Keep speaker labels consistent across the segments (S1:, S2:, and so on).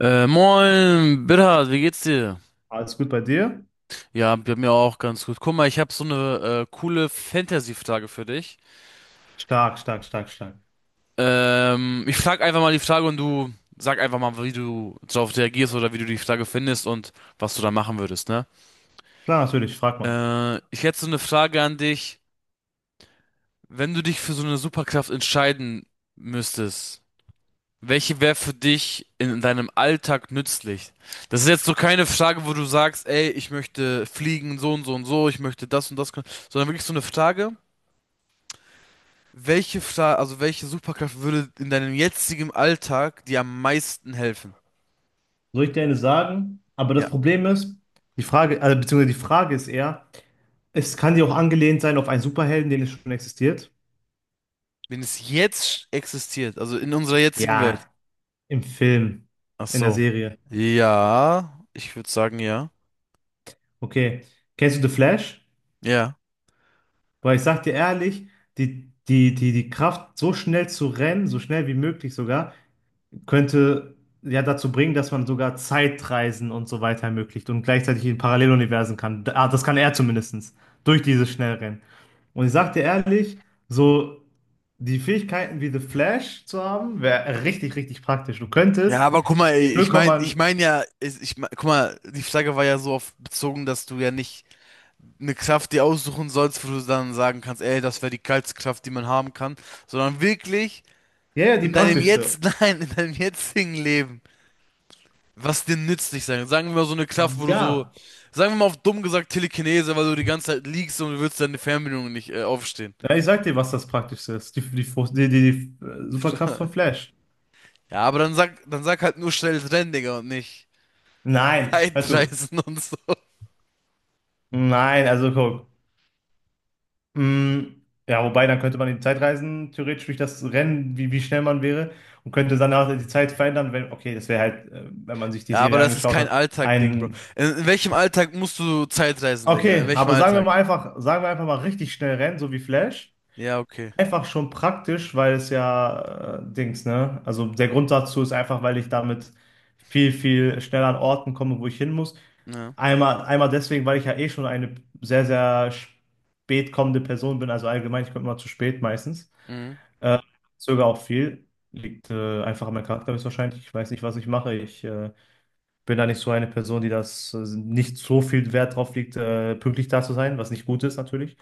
S1: Moin, Bitter, wie geht's dir?
S2: Alles gut bei dir?
S1: Ja, bei mir auch ganz gut. Guck mal, ich habe so eine coole Fantasy-Frage für dich.
S2: Stark, stark, stark, stark.
S1: Ich frag einfach mal die Frage und du sag einfach mal, wie du darauf reagierst oder wie du die Frage findest und was du da machen würdest, ne?
S2: Klar, natürlich, frag mal.
S1: Ich hätte so eine Frage an dich. Wenn du dich für so eine Superkraft entscheiden müsstest, welche wäre für dich in deinem Alltag nützlich? Das ist jetzt so keine Frage, wo du sagst, ey, ich möchte fliegen, so und so und so, ich möchte das und das können, sondern wirklich so eine Frage, welche Fra also welche Superkraft würde in deinem jetzigen Alltag dir am meisten helfen?
S2: Soll ich dir eine sagen? Aber
S1: Ja,
S2: das Problem ist, die Frage, also, beziehungsweise die Frage ist eher, es kann dir auch angelehnt sein auf einen Superhelden, den es schon existiert.
S1: wenn es jetzt existiert, also in unserer jetzigen Welt.
S2: Ja, im Film,
S1: Ach
S2: in der
S1: so.
S2: Serie.
S1: Ja, ich würde sagen, ja.
S2: Okay. Kennst du The Flash?
S1: Ja.
S2: Weil ich sag dir ehrlich, die Kraft, so schnell zu rennen, so schnell wie möglich sogar, könnte ja dazu bringen, dass man sogar Zeitreisen und so weiter ermöglicht und gleichzeitig in Paralleluniversen kann. Ah, das kann er zumindestens durch dieses Schnellrennen. Und ich sag dir ehrlich, so die Fähigkeiten wie The Flash zu haben, wäre richtig, richtig praktisch. Du
S1: Ja,
S2: könntest
S1: aber guck mal, ey,
S2: in 0,
S1: ich meine ja, ich mein, guck mal, die Frage war ja so oft bezogen, dass du ja nicht eine Kraft dir aussuchen sollst, wo du dann sagen kannst, ey, das wäre die geilste Kraft, die man haben kann, sondern wirklich
S2: ja, ja, die praktischste.
S1: nein, in deinem jetzigen Leben, was dir nützlich sein kann. Sagen wir mal so eine Kraft, wo du so,
S2: Ja,
S1: sagen wir mal auf dumm gesagt Telekinese, weil du die ganze Zeit liegst und du willst deine Fernbedienung nicht aufstehen.
S2: ja, ich sag dir, was das praktischste ist. Die Superkraft von Flash.
S1: Ja, aber dann sag halt nur schnell rennen, Digga, und nicht
S2: Nein, hör zu.
S1: Zeitreisen und so.
S2: Nein, also guck. Mm, ja, wobei, dann könnte man in die Zeit reisen, theoretisch durch das Rennen, wie schnell man wäre, und könnte danach die Zeit verändern, wenn, okay, das wäre halt, wenn man sich die
S1: Ja, aber
S2: Serie
S1: das ist
S2: angeschaut
S1: kein
S2: hat,
S1: Alltag-Ding, Bro.
S2: ein,
S1: In welchem Alltag musst du Zeitreisen, Digga? In
S2: okay,
S1: welchem
S2: aber sagen wir
S1: Alltag?
S2: mal einfach, sagen wir einfach mal richtig schnell rennen, so wie Flash.
S1: Ja, okay.
S2: Einfach schon praktisch, weil es ja, Dings, ne? Also der Grund dazu ist einfach, weil ich damit viel, viel schneller an Orten komme, wo ich hin muss.
S1: Ja.
S2: Einmal deswegen, weil ich ja eh schon eine sehr, sehr spät kommende Person bin, also allgemein, ich komme immer zu spät meistens.
S1: Mhm.
S2: Äh, zögere auch viel. Liegt einfach an meinem Charakter höchstwahrscheinlich. Ich weiß nicht, was ich mache. Ich bin da nicht so eine Person, die das nicht so viel Wert drauf legt, pünktlich da zu sein, was nicht gut ist natürlich.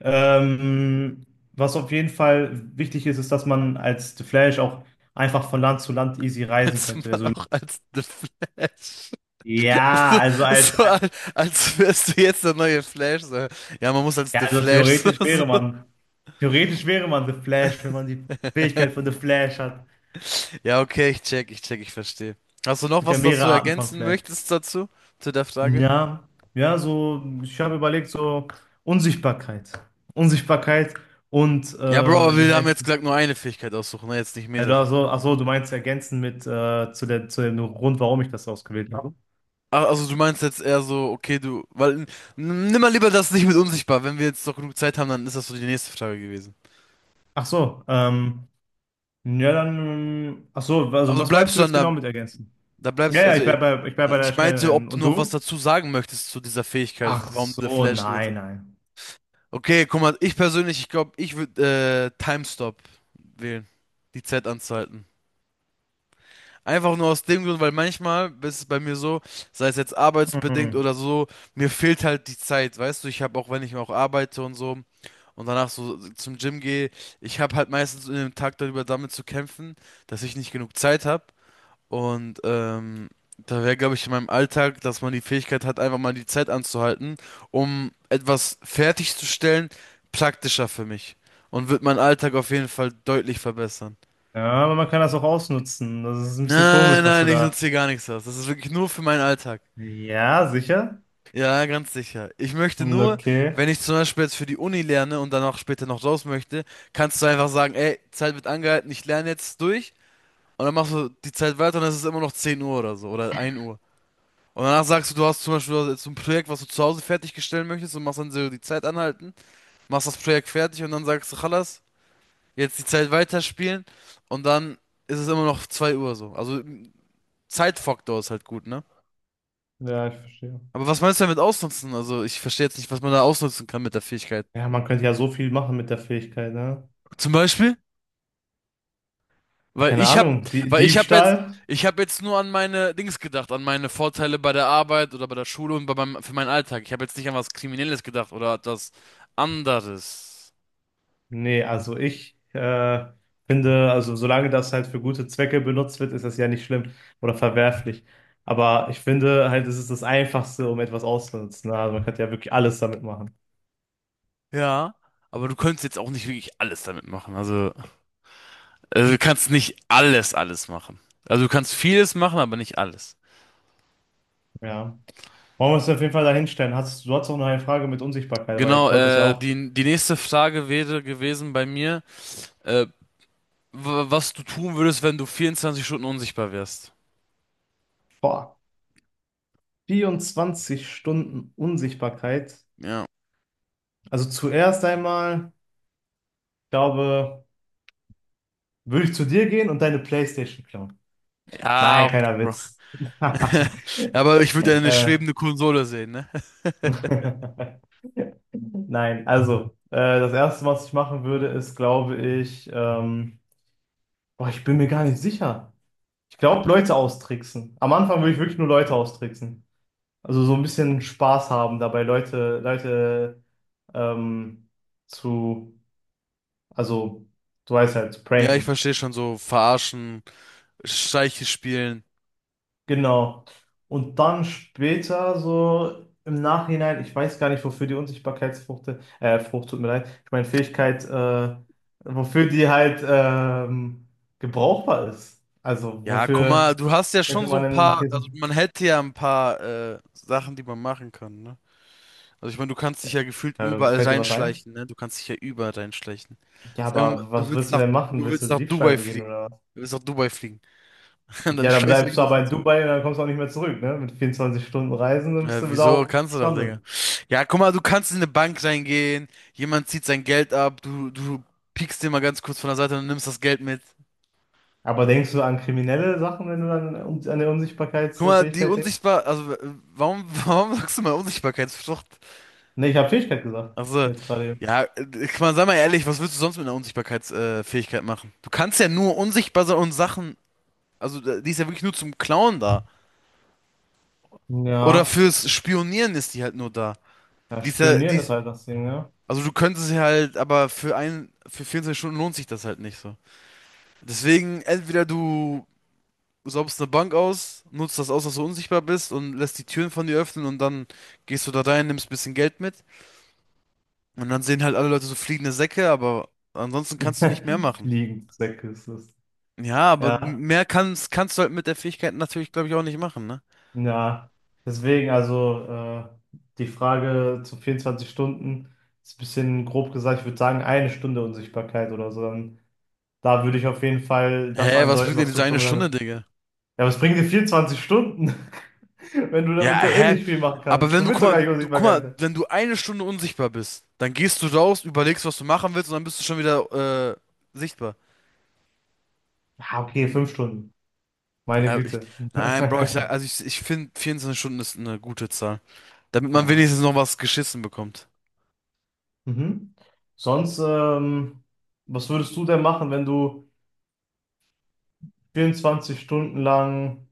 S2: Ähm, was auf jeden Fall wichtig ist, ist, dass man als The Flash auch einfach von Land zu Land easy reisen
S1: Als
S2: könnte.
S1: Mann
S2: Also,
S1: auch als The Flash.
S2: ja,
S1: So,
S2: also als
S1: so als, als wärst du jetzt der neue Flash. So. Ja, man muss als
S2: ja,
S1: The
S2: also
S1: Flash. So, so.
S2: theoretisch wäre man The Flash, wenn man die Fähigkeit von The Flash hat.
S1: Ja, okay, ich check, ich check, ich verstehe. Hast du
S2: Es
S1: noch
S2: gibt ja
S1: was, das
S2: mehrere
S1: du
S2: Arten von
S1: ergänzen
S2: Flash.
S1: möchtest dazu? Zu der Frage?
S2: Ja, ja, so, ich habe überlegt, so Unsichtbarkeit. Unsichtbarkeit und
S1: Ja, Bro, aber
S2: wie
S1: wir haben
S2: heißt
S1: jetzt
S2: es?
S1: gesagt, nur eine Fähigkeit aussuchen, ne? Jetzt nicht
S2: Also,
S1: mehrere.
S2: ach so, du meinst ergänzen mit zu der, zu dem Grund, warum ich das ausgewählt habe.
S1: Ach, also du meinst jetzt eher so, okay, du, weil, nimm mal lieber das nicht mit unsichtbar. Wenn wir jetzt noch genug Zeit haben, dann ist das so die nächste Frage gewesen.
S2: Ach so, ja, dann, ach so, also
S1: Also
S2: was meinst
S1: bleibst
S2: du
S1: du dann
S2: jetzt genau
S1: der
S2: mit ergänzen?
S1: Da
S2: Ja,
S1: bleibst du,
S2: ja,
S1: also ich,
S2: ich bleib bei der
S1: ich
S2: schnellen
S1: meinte,
S2: Rennen.
S1: ob du
S2: Und
S1: noch
S2: du?
S1: was dazu sagen möchtest zu dieser Fähigkeit,
S2: Ach
S1: warum der
S2: so,
S1: Flash gewählt
S2: nein,
S1: hat.
S2: nein.
S1: Okay, guck mal, ich persönlich, ich glaube, ich würde Time Stop wählen, die Zeit anzuhalten. Einfach nur aus dem Grund, weil manchmal ist es bei mir so, sei es jetzt arbeitsbedingt
S2: Mhm.
S1: oder so, mir fehlt halt die Zeit, weißt du, ich habe auch, wenn ich auch arbeite und so und danach so zum Gym gehe, ich habe halt meistens in dem Tag darüber damit zu kämpfen, dass ich nicht genug Zeit habe. Und da wäre, glaube ich, in meinem Alltag, dass man die Fähigkeit hat, einfach mal die Zeit anzuhalten, um etwas fertigzustellen, praktischer für mich. Und wird meinen Alltag auf jeden Fall deutlich verbessern.
S2: Ja, aber man kann das auch ausnutzen. Das ist ein bisschen
S1: Nein,
S2: komisch, was du
S1: nein, ich nutze
S2: da.
S1: hier gar nichts aus. Das ist wirklich nur für meinen Alltag.
S2: Ja, sicher?
S1: Ja, ganz sicher. Ich möchte
S2: Hm,
S1: nur,
S2: okay.
S1: wenn ich zum Beispiel jetzt für die Uni lerne und dann auch später noch raus möchte, kannst du einfach sagen, ey, Zeit wird angehalten, ich lerne jetzt durch. Und dann machst du die Zeit weiter und es ist immer noch 10 Uhr oder so oder 1 Uhr. Und danach sagst du, du hast zum Beispiel jetzt so ein Projekt, was du zu Hause fertigstellen möchtest und machst dann so die Zeit anhalten, machst das Projekt fertig und dann sagst du, Chalas, jetzt die Zeit weiterspielen und dann ist es immer noch 2 Uhr so. Also Zeitfaktor ist halt gut, ne?
S2: Ja, ich verstehe.
S1: Aber was meinst du damit ausnutzen? Also ich verstehe jetzt nicht, was man da ausnutzen kann mit der Fähigkeit.
S2: Ja, man könnte ja so viel machen mit der Fähigkeit, ne?
S1: Zum Beispiel, weil
S2: Keine
S1: ich hab,
S2: Ahnung, die
S1: weil
S2: Diebstahl?
S1: ich hab jetzt nur an meine Dings gedacht, an meine Vorteile bei der Arbeit oder bei der Schule und bei meinem, für meinen Alltag. Ich habe jetzt nicht an was Kriminelles gedacht oder etwas anderes.
S2: Nee, also ich finde, also solange das halt für gute Zwecke benutzt wird, ist das ja nicht schlimm oder verwerflich. Aber ich finde halt, es ist das Einfachste, um etwas auszunutzen, ne? Also man könnte ja wirklich alles damit machen.
S1: Ja, aber du könntest jetzt auch nicht wirklich alles damit machen. Also du kannst nicht alles, alles machen. Also du kannst vieles machen, aber nicht alles.
S2: Ja. Wollen wir uns auf jeden Fall dahin stellen? Hast, du hast auch noch eine Frage mit Unsichtbarkeit, weil ich
S1: Genau,
S2: wollte das ja auch.
S1: die nächste Frage wäre gewesen bei mir, äh, was du tun würdest, wenn du 24 Stunden unsichtbar wärst.
S2: Boah, 24 Stunden Unsichtbarkeit.
S1: Ja.
S2: Also zuerst einmal, ich glaube. Würde ich zu dir gehen und deine PlayStation klauen?
S1: Ja,
S2: Nein,
S1: okay,
S2: keiner
S1: Bro.
S2: Witz.
S1: Aber ich würde ja eine
S2: äh,
S1: schwebende Konsole sehen, ne?
S2: nein, also, das Erste, was ich machen würde, ist, glaube ich, boah, ich bin mir gar nicht sicher. Ich glaube, Leute austricksen. Am Anfang würde ich wirklich nur Leute austricksen. Also so ein bisschen Spaß haben dabei, Leute ähm, zu, also, du weißt halt, zu
S1: Ja, ich
S2: pranken.
S1: verstehe schon so, verarschen, Streiche spielen.
S2: Genau. Und dann später, so im Nachhinein, ich weiß gar nicht, wofür die Unsichtbarkeitsfrucht, Frucht, tut mir leid, ich meine Fähigkeit, wofür die halt gebrauchbar ist. Also,
S1: Ja, guck mal,
S2: wofür
S1: du hast ja schon
S2: könnte
S1: so
S2: man
S1: ein
S2: denn eine
S1: paar,
S2: These?
S1: also man hätte ja ein paar Sachen, die man machen kann, ne? Also ich meine, du kannst dich ja gefühlt überall
S2: Fällt dir was ein?
S1: reinschleichen, ne? Du kannst dich ja überall reinschleichen.
S2: Ja,
S1: Sagen wir mal,
S2: aber was willst du denn machen?
S1: du
S2: Willst du
S1: willst nach
S2: Diebstahl
S1: Dubai
S2: begehen
S1: fliegen.
S2: oder was?
S1: Du willst nach Dubai fliegen. Und dann
S2: Ja, dann
S1: schleichst du
S2: bleibst
S1: dich
S2: du
S1: nach
S2: aber in Dubai und dann kommst du auch nicht mehr zurück, ne? Mit 24 Stunden Reisen, dann bist du da
S1: wieso
S2: auch
S1: kannst du doch,
S2: gestrandet.
S1: Digga? Ja, guck mal, du kannst in eine Bank reingehen, jemand zieht sein Geld ab, du piekst den mal ganz kurz von der Seite und nimmst das Geld mit.
S2: Aber denkst du an kriminelle Sachen, wenn du dann an die
S1: Guck mal, die
S2: Unsichtbarkeitsfähigkeit denkst?
S1: unsichtbar, also warum, warum sagst du mal Unsichtbarkeitsflucht?
S2: Nee, ich habe Fähigkeit gesagt.
S1: Also,
S2: Jetzt gerade
S1: ja, ich meine, sei mal ehrlich, was willst du sonst mit einer Unsichtbarkeitsfähigkeit Fähigkeit machen? Du kannst ja nur unsichtbar sein und Sachen, also die ist ja wirklich nur zum Klauen da.
S2: eben.
S1: Oder
S2: Ja,
S1: fürs Spionieren ist die halt nur da.
S2: ja,
S1: Die ist ja, die
S2: spionieren ist
S1: ist,
S2: halt das Ding, ja.
S1: also du könntest sie halt, aber für 24 Stunden lohnt sich das halt nicht so. Deswegen, entweder du saubst eine Bank aus, nutzt das aus, dass du unsichtbar bist und lässt die Türen von dir öffnen und dann gehst du da rein, nimmst ein bisschen Geld mit und dann sehen halt alle Leute so fliegende Säcke, aber ansonsten kannst du nicht mehr machen.
S2: Fliegenzwecke ist es.
S1: Ja, aber
S2: Ja,
S1: mehr kannst, kannst du halt mit der Fähigkeit natürlich, glaube ich, auch nicht machen, ne?
S2: ja. Deswegen, also die Frage zu 24 Stunden ist ein bisschen grob gesagt, ich würde sagen, eine Stunde Unsichtbarkeit oder so. Dann, da würde ich auf jeden Fall
S1: Hä,
S2: das
S1: was
S2: andeuten,
S1: bringt dir
S2: was
S1: diese
S2: du schon
S1: eine Stunde,
S2: gesagt hast.
S1: Digga?
S2: Ja, was bringen dir 24 Stunden, wenn du
S1: Ja,
S2: damit eh
S1: hä?
S2: nicht viel machen
S1: Aber
S2: kannst?
S1: wenn
S2: Du
S1: du, guck
S2: willst doch
S1: mal,
S2: gar nicht
S1: du, guck mal,
S2: Unsichtbarkeit sein.
S1: wenn du eine Stunde unsichtbar bist, dann gehst du raus, überlegst, was du machen willst und dann bist du schon wieder, sichtbar.
S2: Ah okay, 5 Stunden. Meine
S1: Ja, ich,
S2: Güte.
S1: nein, Bro, ich sag, also ich finde 24 Stunden ist eine gute Zahl. Damit man
S2: Ja.
S1: wenigstens noch was geschissen bekommt.
S2: Mhm. Sonst, was würdest du denn machen, wenn du 24 Stunden lang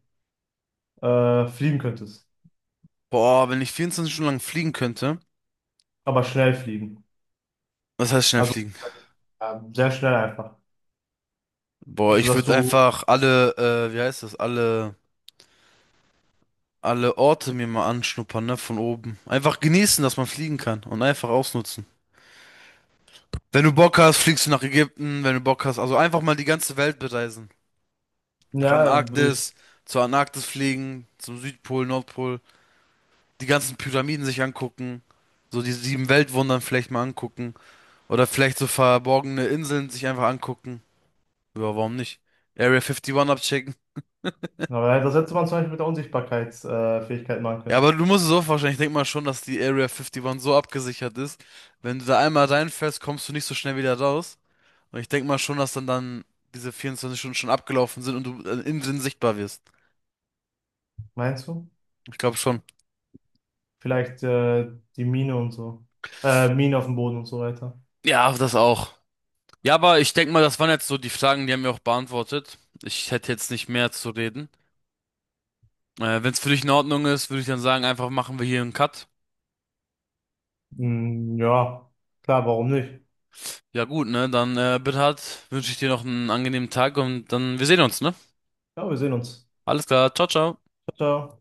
S2: fliegen könntest?
S1: Boah, wenn ich 24 Stunden lang fliegen könnte,
S2: Aber schnell fliegen.
S1: was heißt schnell
S2: Also
S1: fliegen?
S2: sehr schnell einfach.
S1: Boah, ich
S2: Sodass
S1: würde
S2: du,
S1: einfach alle, wie heißt das, alle Orte mir mal anschnuppern, ne, von oben. Einfach genießen, dass man fliegen kann und einfach ausnutzen. Wenn du Bock hast, fliegst du nach Ägypten, wenn du Bock hast. Also einfach mal die ganze Welt bereisen. Nach
S2: ja, würde ich,
S1: Antarktis, zur Antarktis fliegen, zum Südpol, Nordpol. Die ganzen Pyramiden sich angucken. So die sieben Weltwundern vielleicht mal angucken. Oder vielleicht so verborgene Inseln sich einfach angucken. Ja, warum nicht? Area 51 abchecken.
S2: aber das hätte man zum Beispiel mit der Unsichtbarkeitsfähigkeit Fähigkeit machen
S1: Ja, aber
S2: können.
S1: du musst es so vorstellen. Ich denke mal schon, dass die Area 51 so abgesichert ist. Wenn du da einmal reinfällst, kommst du nicht so schnell wieder raus. Und ich denke mal schon, dass dann diese 24 Stunden schon abgelaufen sind und du innen drin sichtbar wirst.
S2: Meinst du?
S1: Ich glaube schon.
S2: Vielleicht die Mine und so. Mine auf dem Boden und so weiter.
S1: Ja, das auch. Ja, aber ich denke mal, das waren jetzt so die Fragen, die haben wir auch beantwortet. Ich hätte jetzt nicht mehr zu reden. Wenn es für dich in Ordnung ist, würde ich dann sagen, einfach machen wir hier einen Cut.
S2: Ja, klar, warum nicht?
S1: Ja gut, ne? Dann, Bernhard, wünsche ich dir noch einen angenehmen Tag und dann wir sehen uns, ne?
S2: Ja, wir sehen uns.
S1: Alles klar, ciao, ciao.
S2: Ciao, ciao.